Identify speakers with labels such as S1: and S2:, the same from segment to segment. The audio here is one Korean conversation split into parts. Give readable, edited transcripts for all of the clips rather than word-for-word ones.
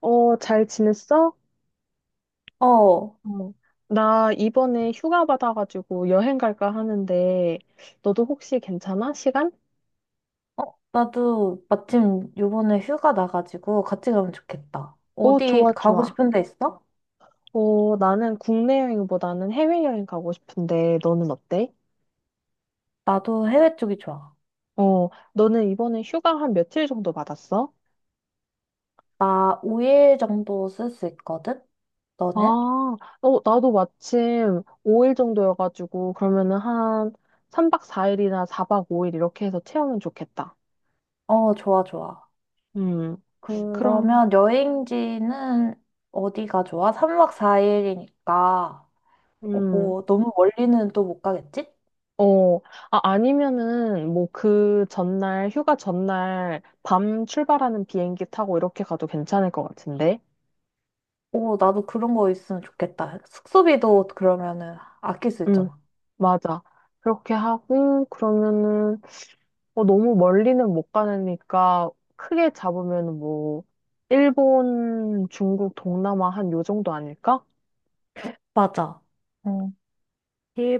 S1: 어, 잘 지냈어?
S2: 어, 어,
S1: 어, 나 이번에 휴가 받아가지고 여행 갈까 하는데, 너도 혹시 괜찮아? 시간?
S2: 나도 마침 요번에 휴가 나가지고 같이 가면 좋겠다.
S1: 어,
S2: 어디
S1: 좋아,
S2: 가고
S1: 좋아.
S2: 싶은 데 있어?
S1: 어, 나는 국내 여행보다는 해외여행 가고 싶은데, 너는 어때?
S2: 나도 해외 쪽이 좋아.
S1: 어, 너는 이번에 휴가 한 며칠 정도 받았어?
S2: 나 5일 정도 쓸 수 있거든?
S1: 아,
S2: 너는?
S1: 어, 나도 마침 5일 정도여가지고, 그러면은 한 3박 4일이나 4박 5일 이렇게 해서 채우면 좋겠다.
S2: 어, 좋아, 좋아.
S1: 음, 그럼,
S2: 그러면 여행지는 어디가 좋아? 3박 4일이니까,
S1: 음.
S2: 뭐, 너무 멀리는 또 못 가겠지?
S1: 어, 아, 아니면은, 뭐, 그 전날, 휴가 전날, 밤 출발하는 비행기 타고 이렇게 가도 괜찮을 것 같은데?
S2: 오, 나도 그런 거 있으면 좋겠다. 숙소비도 그러면은 아낄 수
S1: 응,
S2: 있잖아.
S1: 맞아. 그렇게 하고, 그러면은, 어, 너무 멀리는 못 가니까, 크게 잡으면 뭐, 일본, 중국, 동남아 한 요 정도 아닐까?
S2: 맞아. 응.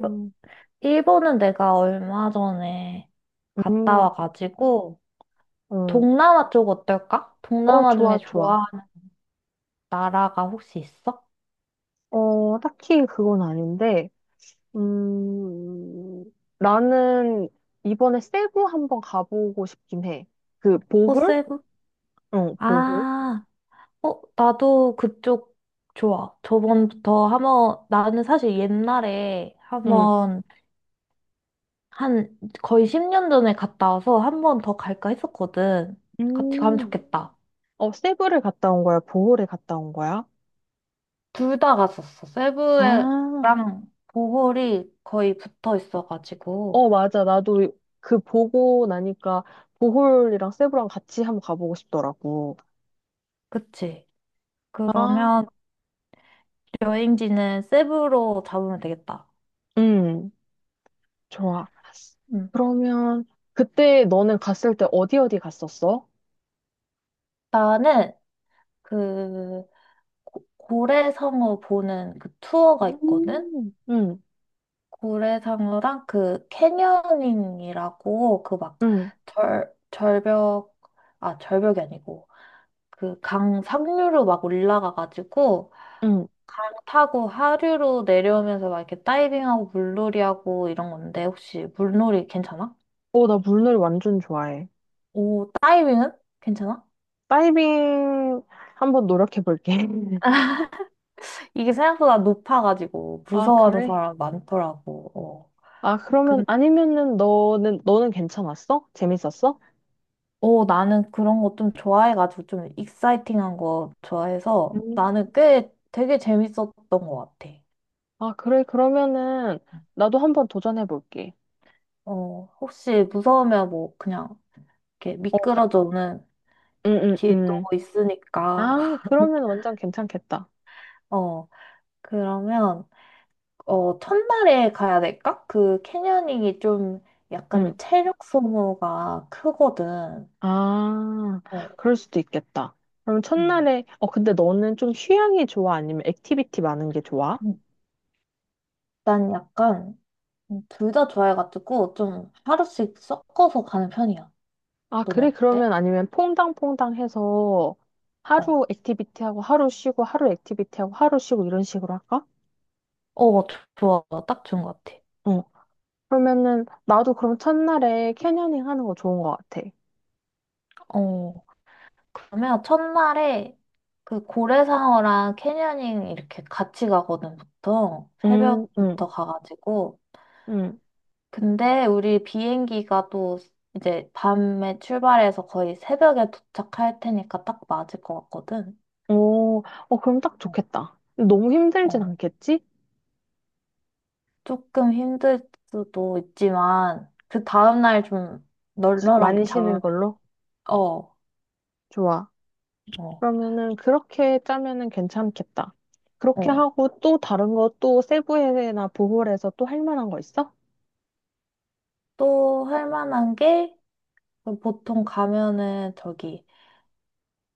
S1: 음.
S2: 일본은 내가 얼마 전에 갔다
S1: 음,
S2: 와가지고,
S1: 어,
S2: 동남아 쪽 어떨까?
S1: 어,
S2: 동남아 중에
S1: 좋아, 좋아.
S2: 좋아하는 나라가 혹시 있어?
S1: 어, 딱히 그건 아닌데, 음, 나는 이번에 세부 한번 가보고 싶긴 해. 그 보홀?
S2: 호세부?
S1: 응 보홀?
S2: 아, 어, 나도 그쪽 좋아. 저번부터 한번, 나는 사실 옛날에
S1: 응.
S2: 한번, 한 거의 10년 전에 갔다 와서 한번 더 갈까 했었거든. 같이 가면
S1: 음,
S2: 좋겠다.
S1: 어, 세부를 갔다 온 거야? 보홀에 갔다 온 거야?
S2: 둘 다 갔었어. 세부랑
S1: 아,
S2: 보홀이 거의 붙어 있어가지고.
S1: 어, 맞아. 나도 그 보고 나니까 보홀이랑 세부랑 같이 한번 가보고 싶더라고.
S2: 그치?
S1: 아,
S2: 그러면 여행지는 세부로 잡으면 되겠다.
S1: 음, 좋아.
S2: 음.
S1: 그러면 그때 너는 갔을 때 어디 어디 갔었어?
S2: 나는 그 고래상어 보는 그 투어가 있거든?
S1: 응,
S2: 고래상어랑 그 캐녀닝이라고 그 막
S1: 응,
S2: 절벽, 아, 절벽이 아니고 그 강 상류로 막 올라가가지고
S1: 응.
S2: 강 타고 하류로 내려오면서 막 이렇게 다이빙하고 물놀이하고 이런 건데 혹시 물놀이 괜찮아?
S1: 어, 나 물놀이 완전 좋아해.
S2: 오, 다이빙은? 괜찮아?
S1: 다이빙 한번 노력해 볼게.
S2: 이게 생각보다 높아가지고
S1: 아,
S2: 무서워하는
S1: 그래?
S2: 사람 많더라고. 어.
S1: 아, 그러면
S2: 근데
S1: 아니면은 너는 괜찮았어? 재밌었어?
S2: 어, 나는 그런 거 좀 좋아해가지고 좀 익사이팅한 거 좋아해서
S1: 음.
S2: 나는 꽤 되게 재밌었던 것 같아.
S1: 아, 그래. 그러면은 나도 한번 도전해 볼게.
S2: 어, 혹시 무서우면 뭐 그냥 이렇게
S1: 어,
S2: 미끄러져 오는
S1: 응, 응,
S2: 길도
S1: 응.
S2: 있으니까.
S1: 아, 그러면 완전 괜찮겠다.
S2: 어, 그러면 어, 첫날에 가야 될까? 그 캐녀닝이 좀 약간
S1: 응.
S2: 체력 소모가 크거든.
S1: 아,
S2: 어,
S1: 그럴 수도 있겠다. 그럼
S2: 음.
S1: 첫날에 어, 근데 너는 좀 휴양이 좋아? 아니면 액티비티 많은 게 좋아?
S2: 일단 약간 둘다 좋아해가지고 좀 하루씩 섞어서 가는 편이야.
S1: 아,
S2: 넌
S1: 그래?
S2: 어때?
S1: 그러면 아니면 퐁당퐁당 해서
S2: 어,
S1: 하루 액티비티하고 하루 쉬고 하루 액티비티하고 하루 쉬고 이런 식으로 할까?
S2: 어, 좋아. 딱 좋은 것 같아.
S1: 어. 그러면은 나도 그럼 첫날에 캐녀닝 하는 거 좋은 것 같아.
S2: 어, 그러면 첫날에 그 고래상어랑 캐녀닝 이렇게 같이 가거든, 보통.
S1: 음, 음,
S2: 새벽부터 가가지고.
S1: 음.
S2: 근데 우리 비행기가 또 이제 밤에 출발해서 거의 새벽에 도착할 테니까 딱 맞을 것 같거든.
S1: 오, 어, 그럼 딱
S2: 어,
S1: 좋겠다. 너무 힘들진
S2: 어.
S1: 않겠지?
S2: 조금 힘들 수도 있지만, 그 다음날 좀 널널하게
S1: 많이 쉬는
S2: 잡으면,
S1: 걸로?
S2: 어, 어,
S1: 좋아. 그러면은 그렇게 짜면은 괜찮겠다. 그렇게
S2: 어.
S1: 하고 또 다른 거 또 세부에나 보홀에서 또 할 만한 거 있어?
S2: 또 할 만한 게, 그 보통 가면은 저기,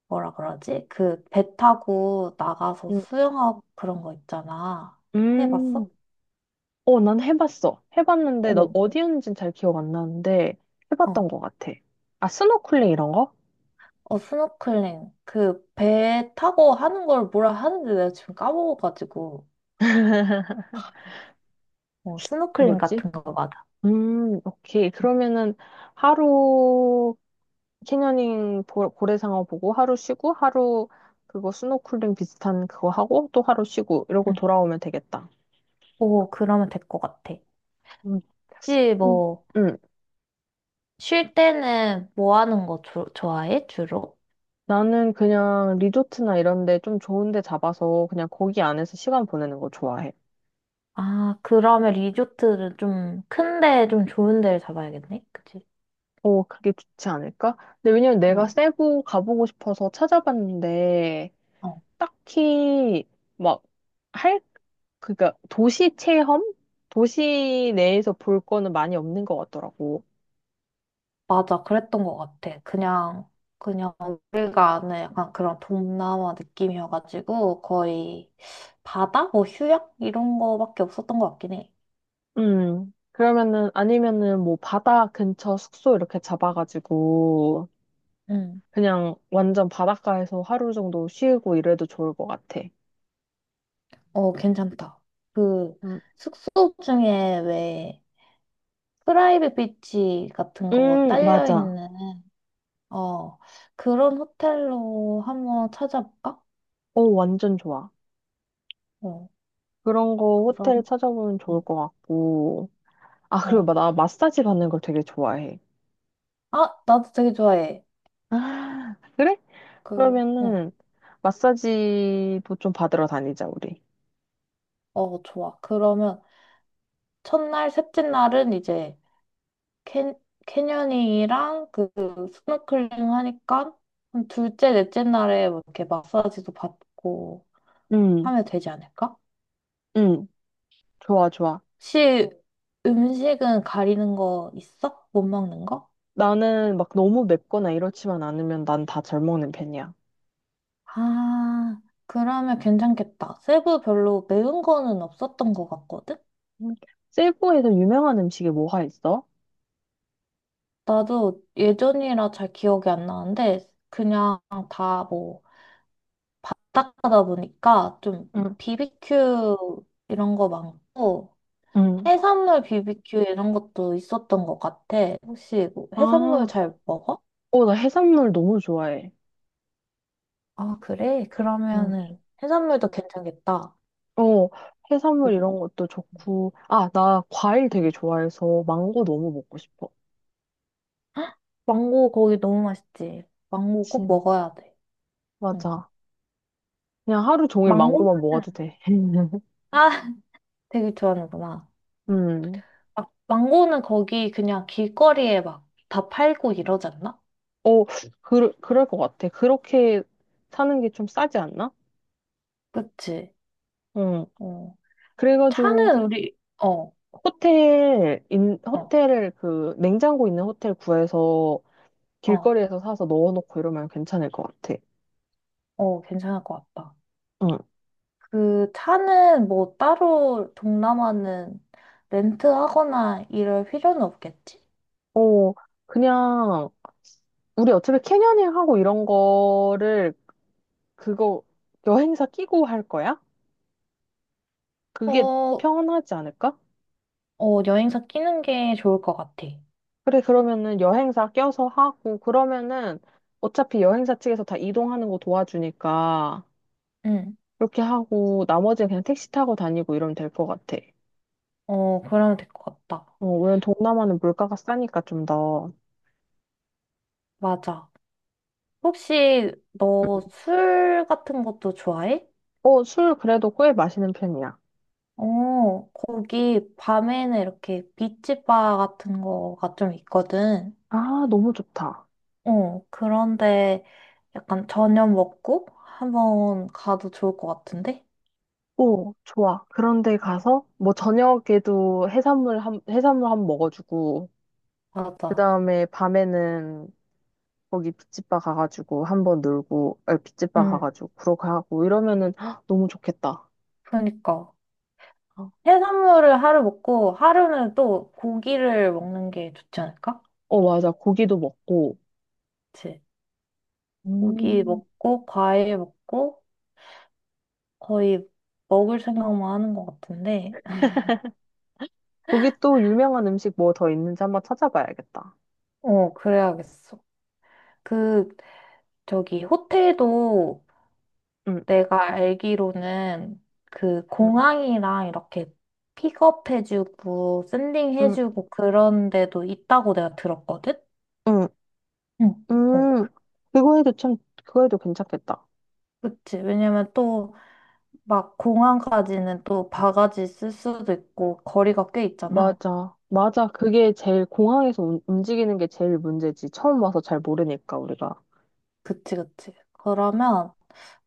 S2: 뭐라 그러지? 그 배 타고 나가서
S1: 음.
S2: 수영하고 그런 거 있잖아. 해봤어?
S1: 음. 어, 난 해봤어. 해봤는데, 나
S2: 어,
S1: 어디였는지는 잘 기억 안 나는데, 해봤던
S2: 어.
S1: 것 같아. 아, 스노클링 이런 거?
S2: 어, 스노클링. 그 배 타고 하는 걸 뭐라 하는지 내가 지금 까먹어가지고. 어, 스노클링
S1: 뭐지?
S2: 같은 거 맞아.
S1: 오케이. 그러면은, 하루, 캐녀닝 고래상어 보고, 하루 쉬고, 하루, 그거 스노클링 비슷한 그거 하고, 또 하루 쉬고, 이러고
S2: 응.
S1: 돌아오면 되겠다.
S2: 오, 그러면 될 것 같아.
S1: 음,
S2: 혹시
S1: 음,
S2: 뭐,
S1: 음.
S2: 쉴 때는 뭐 하는 거 좋아해, 주로?
S1: 나는 그냥 리조트나 이런 데 좀 좋은 데 잡아서, 그냥 거기 안에서 시간 보내는 거 좋아해.
S2: 아, 그러면 리조트를 좀 큰데 좀 좋은 데를 잡아야겠네. 그치?
S1: 어, 그게 좋지 않을까? 근데 왜냐면 내가
S2: 오,
S1: 세부 가보고 싶어서 찾아봤는데,
S2: 어,
S1: 딱히, 막, 할, 그니까, 도시 체험? 도시 내에서 볼 거는 많이 없는 것 같더라고.
S2: 맞아. 그랬던 것 같아. 그냥 우리가 아는 약간 그런 동남아 느낌이어가지고 거의 바다? 뭐 휴양? 이런 거밖에 없었던 것 같긴 해.
S1: 그러면은, 아니면은, 뭐, 바다 근처 숙소 이렇게 잡아가지고,
S2: 응.
S1: 그냥 완전 바닷가에서 하루 정도 쉬고 이래도 좋을 것 같아.
S2: 어, 괜찮다. 그
S1: 음,
S2: 숙소 중에 왜 프라이빗 비치 같은 거 딸려
S1: 맞아.
S2: 있는 어, 그런 호텔로 한번 찾아볼까?
S1: 어, 완전 좋아.
S2: 어,
S1: 그런 거
S2: 그러면,
S1: 호텔 찾아보면 좋을
S2: 음,
S1: 것 같고, 아, 그리고
S2: 어.
S1: 나 마사지 받는 걸 되게 좋아해.
S2: 아, 나도 되게 좋아해.
S1: 아, 그래?
S2: 그, 응,
S1: 그러면은 마사지도 좀 받으러 다니자, 우리.
S2: 어, 좋아. 그러면, 첫날, 셋째 날은 이제, 캐, 캐녀닝이랑 그, 스노클링 하니까, 한 둘째, 넷째 날에 뭐 이렇게 마사지도 받고
S1: 응,
S2: 하면 되지 않을까?
S1: 응. 좋아, 좋아.
S2: 혹시 음식은 가리는 거 있어? 못 먹는 거?
S1: 나는 막 너무 맵거나 이렇지만 않으면 난 다 잘 먹는 편이야.
S2: 아, 그러면 괜찮겠다. 세부 별로 매운 거는 없었던 것 같거든?
S1: 응, 세부에서 유명한 음식이 뭐가 있어?
S2: 나도 예전이라 잘 기억이 안 나는데, 다 뭐, 딱하다 보니까 좀
S1: 응,
S2: BBQ 이런 거 많고,
S1: 응.
S2: 해산물 BBQ 이런 것도 있었던 것 같아. 혹시 뭐 해산물
S1: 아,
S2: 잘 먹어?
S1: 어, 나 해산물 너무 좋아해.
S2: 아, 그래?
S1: 응.
S2: 그러면은 해산물도 괜찮겠다.
S1: 어, 해산물
S2: 응.
S1: 이런 것도 좋고. 아, 나 과일 되게 좋아해서 망고 너무 먹고 싶어.
S2: 망고 거기 너무 맛있지? 망고 꼭
S1: 진.
S2: 먹어야 돼. 응.
S1: 맞아. 그냥 하루 종일
S2: 망고?
S1: 망고만 먹어도
S2: 는
S1: 돼.
S2: 아, 되게 좋아하는구나.
S1: 음.
S2: 막 망고는 거기 그냥 길거리에 막 다 팔고 이러지 않나?
S1: 어, 그럴 것 같아. 그렇게 사는 게 좀 싸지 않나?
S2: 그치?
S1: 응.
S2: 어.
S1: 그래가지고,
S2: 차는 우리, 어, 어,
S1: 호텔을 그, 냉장고 있는 호텔 구해서
S2: 어,
S1: 길거리에서 사서 넣어놓고 이러면 괜찮을 것 같아.
S2: 괜찮을 것 같다.
S1: 응.
S2: 그 차는 뭐 따로 동남아는 렌트하거나 이럴 필요는 없겠지?
S1: 어, 그냥, 우리 어차피 캐녀닝하고 이런 거를, 그거, 여행사 끼고 할 거야?
S2: 어,
S1: 그게
S2: 어,
S1: 편하지 않을까?
S2: 여행사 끼는 게 좋을 것 같아.
S1: 그래, 그러면은 여행사 껴서 하고, 그러면은 어차피 여행사 측에서 다 이동하는 거 도와주니까,
S2: 응,
S1: 그렇게 하고, 나머지는 그냥 택시 타고 다니고 이러면 될 것 같아.
S2: 그러면 될 것 같다.
S1: 어, 왜냐면 동남아는 물가가 싸니까 좀 더.
S2: 맞아. 혹시 너 술 같은 것도 좋아해?
S1: 어, 술 그래도 꽤 마시는 편이야.
S2: 어, 거기 밤에는 이렇게 비치바 같은 거가 좀 있거든.
S1: 아, 너무 좋다.
S2: 어, 그런데 약간 저녁 먹고 한번 가도 좋을 것 같은데?
S1: 오, 좋아. 그런데
S2: 응,
S1: 가서, 뭐 저녁에도 해산물 한 번 먹어주고, 그
S2: 맞아.
S1: 다음에 밤에는 거기 빗집바 가가지고 한 번 놀고, 아니, 빗집바
S2: 응,
S1: 가가지고 그러고 하고 이러면은 헉, 너무 좋겠다.
S2: 그러니까. 해산물을 하루 먹고 하루는 또 고기를 먹는 게 좋지 않을까?
S1: 어, 맞아. 고기도 먹고.
S2: 그치? 고기
S1: 음,
S2: 먹고 과일 먹고 거의 먹을 생각만 하는 것 같은데.
S1: 거기 또 유명한 음식 뭐 더 있는지 한번 찾아봐야겠다.
S2: 어, 그래야겠어. 그, 저기, 호텔도
S1: 응,
S2: 내가 알기로는 그
S1: 응,
S2: 공항이랑 이렇게 픽업해주고
S1: 응,
S2: 샌딩해주고 그런 데도 있다고 내가 들었거든?
S1: 응,
S2: 응. 어,
S1: 응. 그거 해도 참, 그거 해도 괜찮겠다.
S2: 그치. 왜냐면 또 막 공항까지는 또 바가지 쓸 수도 있고 거리가 꽤 있잖아.
S1: 맞아. 맞아. 그게 제일 공항에서 움직이는 게 제일 문제지. 처음 와서 잘 모르니까, 우리가.
S2: 그치, 그치. 그러면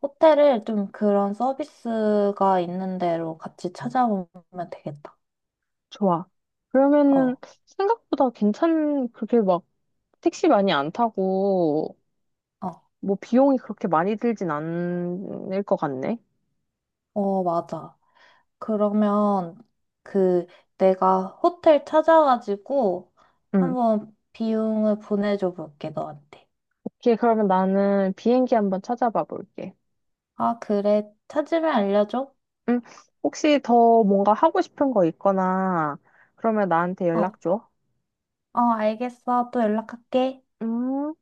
S2: 호텔을 좀 그런 서비스가 있는 데로 같이 찾아보면 되겠다.
S1: 좋아. 그러면은
S2: 어,
S1: 생각보다 괜찮, 그렇게 막 택시 많이 안 타고
S2: 어,
S1: 뭐 비용이 그렇게 많이 들진 않을 것 같네.
S2: 맞아. 그러면 그 내가 호텔 찾아가지고
S1: 응.
S2: 한번 비용을 보내줘 볼게, 너한테.
S1: 오케이, 그러면 나는 비행기 한번 찾아봐 볼게.
S2: 아, 그래. 찾으면 알려줘.
S1: 응. 혹시 더 뭔가 하고 싶은 거 있거나 그러면 나한테
S2: 어,
S1: 연락 줘.
S2: 알겠어. 또 연락할게.
S1: 음.